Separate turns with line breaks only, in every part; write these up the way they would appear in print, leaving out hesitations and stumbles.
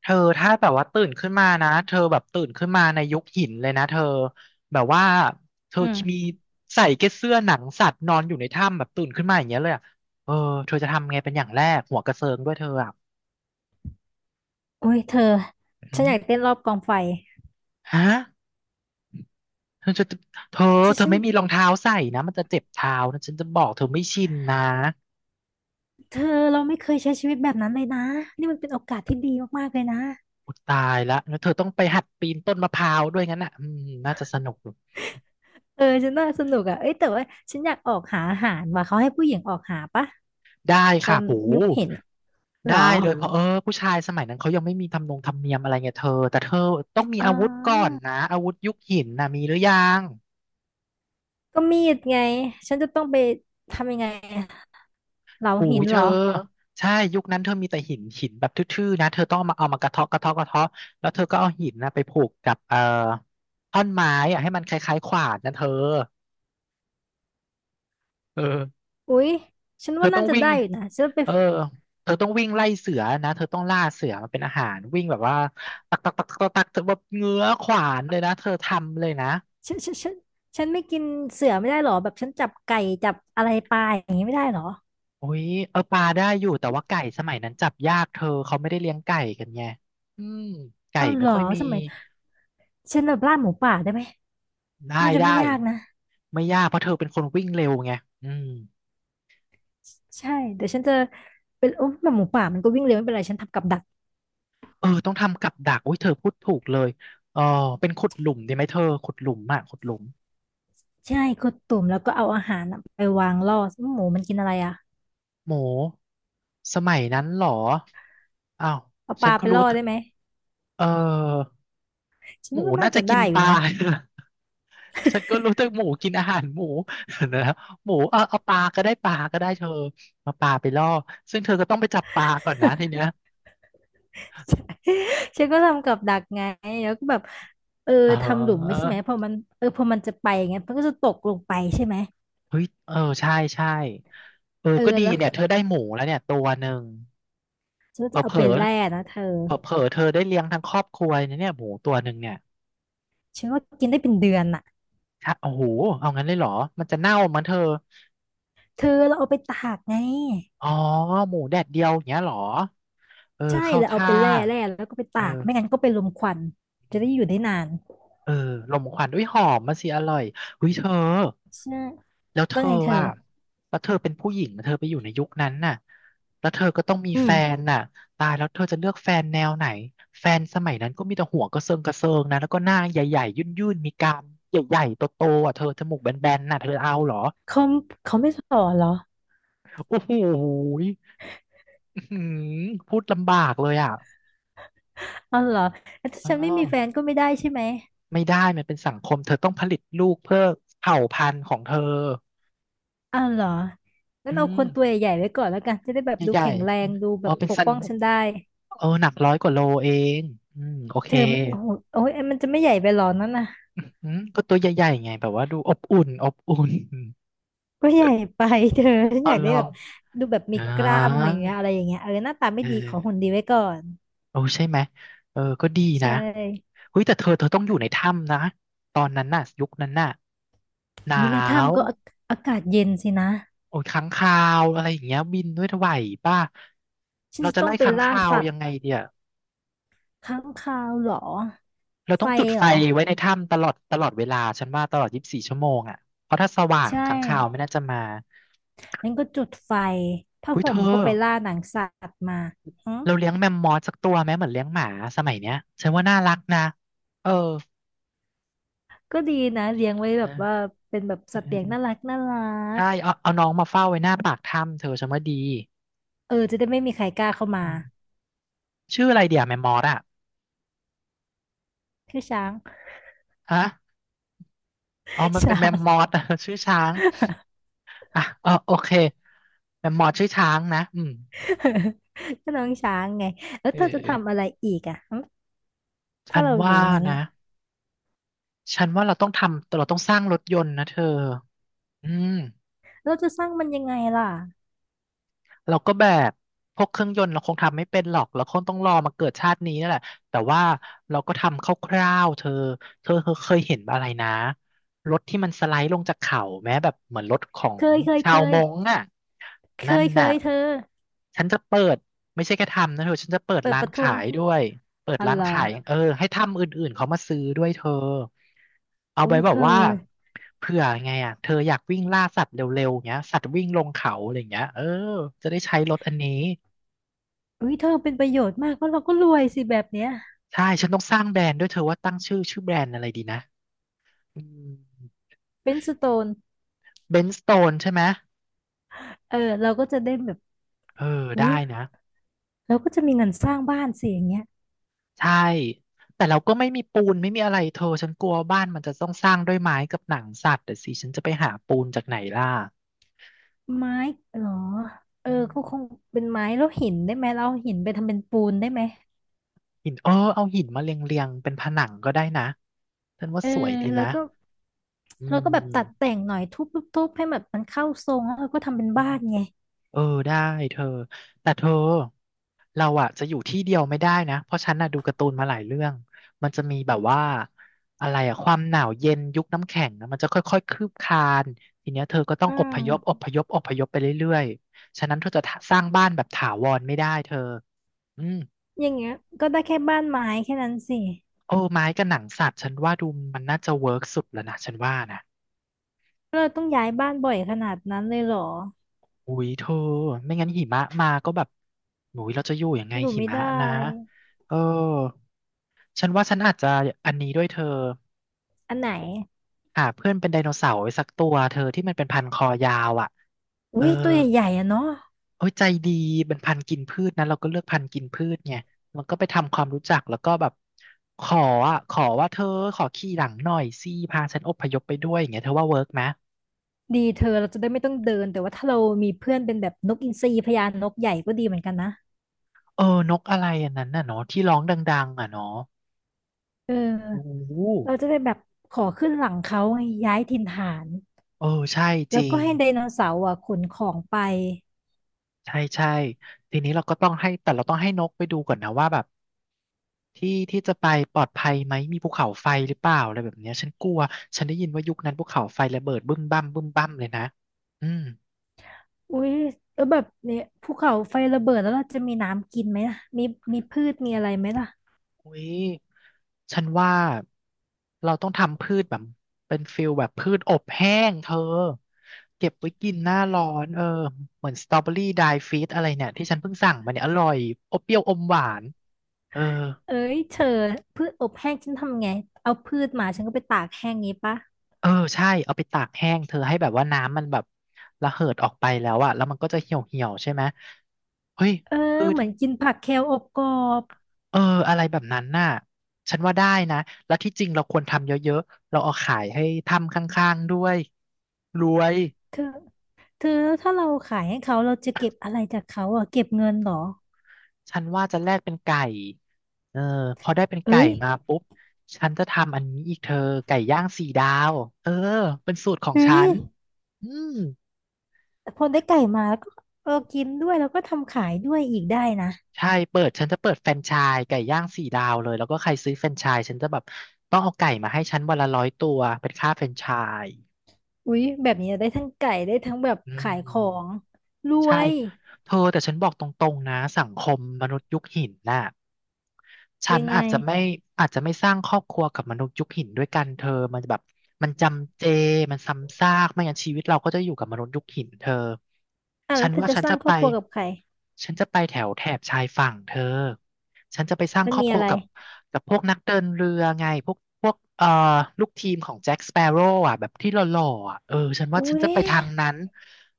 เธอถ้าแบบว่าตื่นขึ้นมานะเธอแบบตื่นขึ้นมาในยุคหินเลยนะเธอแบบว่าเธอ
อื
มี
ม
ใส่แค่เสื้อหนังสัตว์นอนอยู่ในถ้ำแบบตื่นขึ้นมาอย่างเงี้ยเลยอะเออเธอจะทำไงเป็นอย่างแรกหัวกระเซิงด้วยเธออ่ะ
โอ้ยเธอ
อื
ฉัน
ม
อยากเต้นรอบกองไฟ
ฮะเธอจะเธอ
ฉัน
เธอ
ฉัน
ไม่มีรองเท้าใส่นะมันจะเจ็บเท้านะฉันจะบอกเธอไม่ชินนะ
เธอเราไม่เคยใช้ชีวิตแบบนั้นเลยนะนี่มันเป็นโอกาสที่ดีมากๆเลยนะ
อุยตายละแล้วเธอต้องไปหัดปีนต้นมะพร้าวด้วยงั้นอ่ะอืมน่าจะสนุก
เออฉันน่าสนุกอ่ะเอ้ยแต่ว่าฉันอยากออกหาอาหารว่ะเขาให้ผู้หญิงออกหาปะ
ได้
ตอ
ค่ะ
น
โห
ยุคเห็นอะเหร
ได้
อ
เลยเพราะเออผู้ชายสมัยนั้นเขายังไม่มีทำนงธรรมเนียมอะไรเงี้ยเธอแต่เธอต้องมี
อ๋อ
อาวุธก่อนนะอาวุธยุคหินนะมีหรือยัง
ก็มีดไงฉันจะต้องไปทำยังไงอะเหลา
หู
หิ
อ
น
ยเธ
เหร
อ
อ
ใช่ยุคนั้นเธอมีแต่หินหินแบบทื่อๆนะเธอต้องเอามากระเทาะกระเทาะกระเทาะแล้วเธอก็เอาหินนะไปผูกกับท่อนไม้อะให้มันคล้ายๆขวานนะเธอเออ
อุ๊ยฉัน
เธอ
ว่า
ต้อ
น่า
ง
จะ
วิ่
ได้
ง
อยู่นะฉันไป
เออเธอต้องวิ่งไล่เสือนะเธอต้องล่าเสือมาเป็นอาหารวิ่งแบบว่าตักตักตักตักตักเธอแบบเงื้อขวานเลยนะเธอทำเลยนะ
ฉันฉันไม่กินเสือไม่ได้เหรอแบบฉันจับไก่จับอะไรปลาอย่างนี้ไม่ได้เหรอ
โอ้ยเออปลาได้อยู่แต่ว่าไก่สมัยนั้นจับยากเธอเขาไม่ได้เลี้ยงไก่กันไงอืมไก่
อ้าวเห
ไม่
รอ
ค่อยมี
สมัย ฉันแบบล่าหมูป่าได้ไหม
ได้
น่าจะ
ได้
ไม่ยากนะ
ไม่ยากเพราะเธอเป็นคนวิ่งเร็วไงอืม
ใช่เดี๋ยวฉันจะเป็นโอ้แบบหมูป่ามันก็วิ่งเร็วไม่เป็นไรฉันทำกับดัก
เออต้องทำกับดักอุ้ยเธอพูดถูกเลยเออเป็นขุดหลุมดีไหมเธอขุดหลุมอ่ะขุดหลุม
ใช่กดตุ่มแล้วก็เอาอาหารน่ะไปวางล่อหมูมันกินอะไรอ่ะ
โหมสมัยนั้นเหรออ้าว
เอาป
ฉัน
ลา
ก็
ไป
รู้
ล่อ
แต่
ได้ไหม
เออ
ฉั
ห
น
มู
ว่าน่า
น่าจะ
จะ
กิน
ได้อ
ป
ยู่
ลา
นะ
ฉันก็รู้แต่หมูกินอาหารหมู นะครับหมูเอาปลาก็ได้ปลาก็ได้เธอเอาปลาไปล่อซึ่งเธอก็ต้องไปจับปลาก่อนนะทีเนี้ย
ฉันก็ทำกับดักไงแล้วก็แบบเออ
อ๋
ทำหลุมไว้
อ
ใช่ไหมพอมันเออพอมันจะไปอย่างเงี้ยมันก็จะตกลงไปใช่ไหม
เฮ้ยเออใช่ใช่เออ
เออ
ก็ดี
แล้ว
เนี่ยเธอได้หมูแล้วเนี่ยตัวหนึ่ง
ฉันก็
เผล
จะ
อ
เอา
เผล
ไปแล่นะเธอ
เผลอๆเธอได้เลี้ยงทั้งครอบครัวเนี่ยเนี่ยหมูตัวหนึ่งเนี่ย
ฉันว่ากินได้เป็นเดือนอ่ะ
ชะโอ้โหเอางั้นเลยเหรอมันจะเน่ามันเธอ
เธอเราเอาไปตากไง
อ๋อหมูแดดเดียวอย่างเงี้ยเหรอเออ
ใช่
เข้า
แล้วเอา
ท่า
ไปแล่แล่แล้วก็ไป
เอ
ตากไม่งั้
อ
นก็เป็นลมควันจะได้อยู่ได้นาน
เออลมควันอุ้ยหอมมาสิอร่อยหุ้ยเธอ
ใช่
แล้วเธ
ว่า
อ
ไงเธอ
อ่ะแล้วเธอเป็นผู้หญิงนะเธอไปอยู่ในยุคนั้นน่ะแล้วเธอก็ต้องมี
อื
แฟ
ม
นน่ะตายแล้วเธอจะเลือกแฟนแนวไหนแฟนสมัยนั้นก็มีแต่หัวกระเซิงกระเซิงนะแล้วก็หน้าใหญ่ๆยุ่นๆมีกรามใหญ่ๆโตๆอ่ะเธอจมูกแบนๆน่ะเธอเอาเหรอ
เขาเขาไม่สอนเหรอ
โอ้โหยอื้อหือพูดลำบากเลยอ่ะ
เอาเหรอแล้วถ้า
อ๋
ฉัน
อ
ไม่มีแฟนก็ไม่ได้ใช่ไหม
ไม่ได้มันเป็นสังคมเธอต้องผลิตลูกเพื่อเผ่าพันธุ์ของเธอ
เอาเหรองั้
อื
นเอา
ม
คนตัวใหญ่ๆไว้ก่อนแล้วกันจะได้แบบดู
ใหญ่
แข็งแร
ๆ
งดู
เอ
แบ
อ
บ
เป็น
ปก
สัน
ป้องฉันได้
เออหนัก100 กว่าโลเองอืมโอเค
เธอมันโอ้โหโอ้ยมันจะไม่ใหญ่ไปเหรอนั่นน่ะ
อืมก็ตัวใหญ่ๆไงแบบว่าดูอบอุ่นอบอุ่น
ก็ใหญ่ไปเธอฉัน
อ๋อ
อยาก
เหร
ได้
อ
แบบดูแบบมี
อ่
กล้าม
า
เนื้ออะไรอย่างเงี้ยเออหน้าตาไม่
เออ
ดีขอหุ่นดีไว้ก่อน
โอ้ใช่ไหมเออก็ดี
ใช
นะ
่
เฮ้ยแต่เธอต้องอยู่ในถ้ำนะตอนนั้นน่ะยุคนั้นน่ะหนา
โอ้ยใน
ว
ถ้ำก็อาอากาศเย็นสินะ
โอ้ยค้างคาวอะไรอย่างเงี้ยบินด้วยไหวป่ะ
ฉัน
เรา
จะ
จะ
ต้อ
ไล่
งไป
ค้าง
ล่า
คาว
สัต
ยั
ว์
งไงเดีย
ค้างคาวเหรอ
เรา
ไฟ
ต้องจุด
เห
ไฟ
รอ
ไว้ในถ้ำตลอดเวลาฉันว่าตลอด24 ชั่วโมงอ่ะเพราะถ้าสว่าง
ใช่
ค้างคาวไม่น่าจะมา
งั้นก็จุดไฟผ้า
เฮ้ย
ห่
เธ
ม
อ
ก็ไปล่าหนังสัตว์มาอืม
เราเลี้ยงแมมมอสสักตัวไหมเหมือนเลี้ยงหมาสมัยเนี้ยฉันว่าน่ารักนะเออ
ก็ดีนะเลี้ยงไว้
เอ
แบ
อ
บว่าเป็นแบบ
เ
สัตว์เลี้ยงน่า
ออ
รักน่ารัก
ใช่เอาน้องมาเฝ้าไว้หน้าปากถ้ำเธอฉันว่าดี
เออจะได้ไม่มีใครกล้าเข้ามา
อืมชื่ออะไรเดี๋ยวแมมมอสอะ
คือช้าง
ฮะอ๋อมั นเป็น
ช้า
แมม
ง
มอสอะ ชื่อช้างอ่ะเออโอเคแมมมอสชื่อช้างนะอืม
ก็น้องช้างไงแล้ว
เอ
เธอจะทำอะ
อ
ไรอีกอ่ะหึ
ฉั
ถ้า
น
เราอยู่
ว่า
ในนั้น
นะ
อ่ะ
ฉันว่าเราต้องทำเราต้องสร้างรถยนต์นะเธออืม
เราจะสร้างมันยังไงล่ะ
เราก็แบบพวกเครื่องยนต์เราคงทำไม่เป็นหรอกเราคงต้องรอมาเกิดชาตินี้นั่นแหละแต่ว่าเราก็ทำคร่าวๆเธอเธอเคยเห็นอะไรนะรถที่มันสไลด์ลงจากเขาแม้แบบเหมือนรถของ
เคยเคย
ชา
เค
วม
ย
งค์อ่ะ
เค
นั่น
ยเค
น่ะ
ยเธอ
ฉันจะเปิดไม่ใช่แค่ทำนะเธอฉันจะเปิด
เปิด
ร้า
ป
น
ระทุ
ขา
น
ยด้วย เปิด
อะ
ร้าน
ไร
ขาย
อ
เออให้ทำอื่นๆเขามาซื้อด้วยเธอเอา
อุ้
ไว้
ย
แบ
เธ
บ
อ
ว่าเผื่อไงอ่ะเธออยากวิ่งล่าสัตว์เร็วๆเงี้ยสัตว์วิ่งลงเขาอะไรเงี้ยเออจะได้ใช้รถอันนี้
อุ้ยเธอเป็นประโยชน์มากเพราะเราก็รวยสิแบบเนี้ย
ใช่ฉันต้องสร้างแบรนด์ด้วยเธอว่าตั้งชื่อแบรนด์อะไรดีนะอืม
เป็นสโตน
เบนสโตนใช่ไหม
เออเราก็จะได้แบบ
เออ
อุ้ย
ได้นะ
เราก็จะมีเงินสร้างบ้านสิอย่างเงี้ย
ใช่แต่เราก็ไม่มีปูนไม่มีอะไรเธอฉันกลัวบ้านมันจะต้องสร้างด้วยไม้กับหนังสัตว์แต่สิฉันจะไปหาปูนจากไหนล่ะ
ไม้เหรอเออ
อืม
ก็คงเป็นไม้แล้วหินได้ไหมเราเอาหินไปทำเป็นปูนได้ไหม
หินเออเอาหินมาเรียงเรียงเป็นผนังก็ได้นะฉันว่า
เออ
สวยดี
แล้ว
นะ
ก็
อื
เราก็แบบตัด
ม
แต่งหน่อยทุบทุบทุบให้แบบมันเข้าทรงแล้วเราก็ทำเป็น
อื
บ้า
ม
นไง
เออได้เธอแต่เธอเราอะจะอยู่ที่เดียวไม่ได้นะเพราะฉันน่ะดูการ์ตูนมาหลายเรื่องมันจะมีแบบว่าอะไรอะความหนาวเย็นยุคน้ำแข็งนะมันจะค่อยๆคืบคลานทีเนี้ยเธอก็ต้อ
อื
งอพยพอ
ม
พยพอพยพไปเรื่อยๆฉะนั้นเธอจะสร้างบ้านแบบถาวรไม่ได้เธออืม
อย่างเงี้ยก็ได้แค่บ้านไม้แค่นั้นสิ
โอ้ไม้กับหนังสัตว์ฉันว่าดูมันน่าจะเวิร์กสุดแล้วนะฉันว่านะ
เราต้องย้ายบ้านบ่อยขนาดนั้นเลยเหรอ
อุ้ยเธอไม่งั้นหิมะมาก็แบบหนูเราจะอยู่ยังไง
อยู่
หิ
ไม่
มะ
ได้
นะเออฉันว่าฉันอาจจะอันนี้ด้วยเธอ
อันไหน
หาเพื่อนเป็นไดโนเสาร์ไว้สักตัวเธอที่มันเป็นพันคอยาวอ่ะเอ
อุ้
อ
ยตัวใหญ่ๆอ่ะเนาะ
โอ้ยใจดีเป็นพันธุ์กินพืชนะเราก็เลือกพันธุ์กินพืชไงมันก็ไปทำความรู้จักแล้วก็แบบขออ่ะขอว่าเธอขอขี่หลังหน่อยสิพาฉันอพยพไปด้วยอย่างเงี้ยเธอว่าเวิร์กไหม
ดีเธอเราจะได้ไม่ต้องเดินแต่ว่าถ้าเรามีเพื่อนเป็นแบบนกอินทรีพญานกใหญ่ก็ดีเหมือนกันนะ
เออนกอะไรอันนั้นน่ะเนาะที่ร้องดังๆอ่ะเนาะ
เอ
โอ้
อ
โห
เราจะได้แบบขอขึ้นหลังเขาไงย้ายถิ่นฐาน
เออใช่จ
แล้ว
ริ
ก็
ง
ให้ไดโนเสาร์อ่ะขนของไป
ใช่ใช่ทีนี้เราก็ต้องให้แต่เราต้องให้นกไปดูก่อนนะว่าแบบที่ที่จะไปปลอดภัยไหมมีภูเขาไฟหรือเปล่าอะไรแบบเนี้ยฉันกลัวฉันได้ยินว่ายุคนั้นภูเขาไฟระเบิดบึ้มบั้มบึ้มบั้มเลยนะอืม
อุ้ยแล้วแบบเนี่ยภูเขาไฟระเบิดแล้วเราจะมีน้ำกินไหมล่ะมีมีพืชมีอะไรไหมล่ะ
อุ้ยฉันว่าเราต้องทำพืชแบบเป็นฟิลแบบพืชอบแห้งเธอเก็บไว้กินหน้าร้อนเออเหมือนสตรอเบอรี่ไดฟีตอะไรเนี่ยที่ฉันเพิ่งสั่งมาเนี่ยอร่อยอบเปรี้ยวอมหวานเออ
เอ้ยเธอพืชอบแห้งฉันทำไงเอาพืชมาฉันก็ไปตากแห้งงี้ปะ
เออใช่เอาไปตากแห้งเธอให้แบบว่าน้ำมันแบบระเหิดออกไปแล้วอะแล้วมันก็จะเหี่ยวเหี่ยวใช่ไหมเฮ้ย
เออ
คือ
เหมือนกินผักแคลอบกรอบ
เอออะไรแบบนั้นน่ะฉันว่าได้นะแล้วที่จริงเราควรทำเยอะๆเราเอาขายให้ทำข้างๆด้วยรวย
เธอ เธอแล้วถ้าเราขายให้เขาเราจะเก็บอะไรจากเขาอ่ะเก็บเงินเหรอ
ฉันว่าจะแลกเป็นไก่เออพอได้เป็นไก่
เอ้ย
มาปุ๊บฉันจะทำอันนี้อีกเธอไก่ย่างสี่ดาวเออเป็นสูตรของ
เฮ้
ฉั
ย
นอืม
แต่พอได้ไก่มาแล้วก็เออกินด้วยแล้วก็ทำขายด้วยอีกได้นะ
ใช่เปิดฉันจะเปิดแฟรนไชส์ไก่ย่างสี่ดาวเลยแล้วก็ใครซื้อแฟรนไชส์ฉันจะแบบต้องเอาไก่มาให้ฉันวันละร้อยตัวเป็นค่าแฟรนไชส์
อุ้ยแบบนี้ได้ทั้งไก่ได้ทั้งแบบ
อื
ขายของ
ม
รว
ใช่
ย
เธอแต่ฉันบอกตรงๆนะสังคมมนุษย์ยุคหินน่ะฉั
ยั
น
งไง
อาจจะไม่อาจจะไม่สร้างครอบครัวกับมนุษย์ยุคหินด้วยกันเธอมันแบบมันจำเจมันซ้ำซากไม่งั้นชีวิตเราก็จะอยู่กับมนุษย์ยุคหินเธอ
อ่ะ
ฉั
แล้
น
วเธอ
ว่า
จะ
ฉัน
สร้า
จะ
งค
ไป
รอบครัวกับใคร
ฉันจะไปแถวแถบชายฝั่งเธอ ฉันจะไปสร้าง
มั
ค
น
รอบ
มี
ค
อะ
รัว
ไร
กับกับพวกนักเดินเรือไงพวกพวกลูกทีมของแจ็คสเปโร่อะแบบที่หล่อๆอะเออฉันว่า
อุ้
ฉันจะ
ย
ไปทางนั้น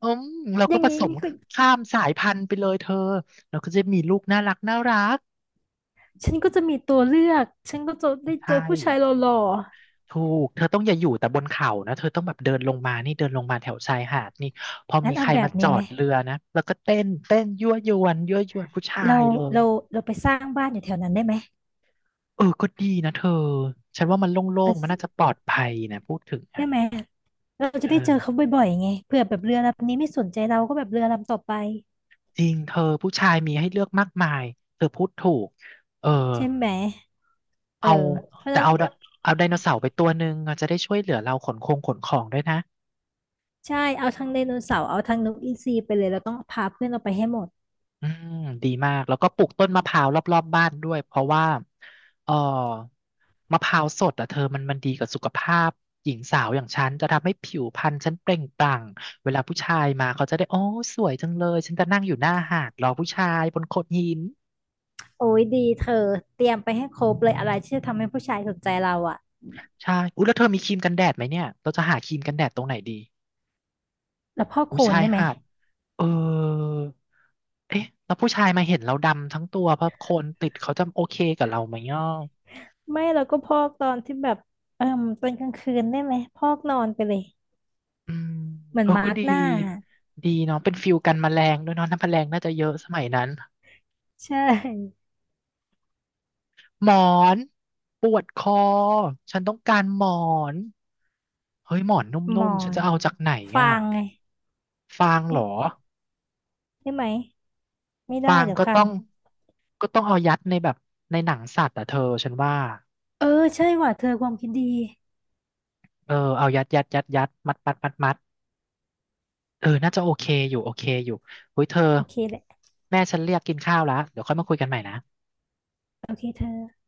อืมเรา
อ
ก็
ย่าง
ผ
งี้
สม
นี่คือ
ข้ามสายพันธุ์ไปเลยเธอเราก็จะมีลูกน่ารักน่ารัก
ฉันก็จะมีตัวเลือกฉันก็จะได้เจ
ใช่
อผู้ชายหล่อ
ถูกเธอต้องอย่าอยู่แต่บนเขานะเธอต้องแบบเดินลงมานี่เดินลงมาแถวชายหาดนี่พอ
ๆงั้
มี
น
ใค
เอา
ร
แบ
มา
บ
จ
นี้
อ
ไหม
ดเรือนะแล้วก็เต้นเต้นยั่วยวนยั่วยวนผู้ชา
เรา
ยเลย
เราเราไปสร้างบ้านอยู่แถวนั้นได้ไหม
เออก็ดีนะเธอฉันว่ามันโล่งๆมันน่าจะ
เอา
ปลอดภัยนะพูดถึง
ได้
อ่ะ
ไหม เราจะ
เออ
ได้เจอเขาบ่อยๆไงเผื่อแบบเรือลำนี้ไม่สนใจเราก็แบบเรือลำต่อไป
จริงเธอผู้ชายมีให้เลือกมากมายเธอพูดถูกเออ
ใช่ไหมเออ
เอา
เพราะฉะ
แต่
นั้น
เอาไดโนเสาร์ไปตัวหนึ่งอะจะได้ช่วยเหลือเราขนคงขนของด้วยนะ
ใช่เอาทั้งไดโนเสาร์เอาทั้งนกอินทรีไปเลยเราต้องพาเพื่อนเราไปให้หมด
อืมดีมากแล้วก็ปลูกต้นมะพร้าวรอบๆบ้านด้วยเพราะว่าเออมะพร้าวสดอ่ะเธอมันมันดีกับสุขภาพหญิงสาวอย่างฉันจะทำให้ผิวพรรณฉันเปล่งปลั่งเวลาผู้ชายมาเขาจะได้โอ้สวยจังเลยฉันจะนั่งอยู่หน้าหาดรอผู้ชายบนโขดหิน
โอ้ยดีเธอเตรียมไปให้ครบเลยอะไรที่จะทำให้ผู้ชายสนใจเราอะ
ใช่อุ๊ยแล้วเธอมีครีมกันแดดไหมเนี่ยเราจะหาครีมกันแดดตรงไหนดี
แล้วพอกโค
อุ๊
ล
ย
น
ชาย
ได้ไหม
หาดเออเอ๊ะแล้วผู้ชายมาเห็นเราดำทั้งตัวเพราะโคนติดเขาจะโอเคกับเราไหมเนาะ
ไม่เราก็พอกตอนที่แบบเออตอนกลางคืนได้ไหมพอกนอนไปเลย
อืม
เหมือ
เอ
น
อ
มา
ก็
ร์ก
ดี
หน้า
ดีเนาะเป็นฟิลกันแมลงด้วยเนาะน้ำแมลงน่าจะเยอะสมัยนั้น
ใช่
หมอนปวดคอฉันต้องการหมอนเฮ้ยหมอนน
หม
ุ่
อ
มๆฉันจะ
น
เอาจากไหน
ฟา
อ่ะ
งไง
ฟางเหรอ
เอ๊ะได้ไหมไม่ได้
ฟาง
เดี๋ยว
ก็
คั
ต้อ
น
งก็ต้องเอายัดในแบบในหนังสัตว์อ่ะเธอฉันว่า
เออใช่ว่ะเธอความคิดดี
เออเอายัดยัดยัดยัดมัดมัดมัดมัดเออน่าจะโอเคอยู่โอเคอยู่เฮ้ยเธอ
โอเคแหละ
แม่ฉันเรียกกินข้าวแล้วเดี๋ยวค่อยมาคุยกันใหม่นะ
โอเคเธอ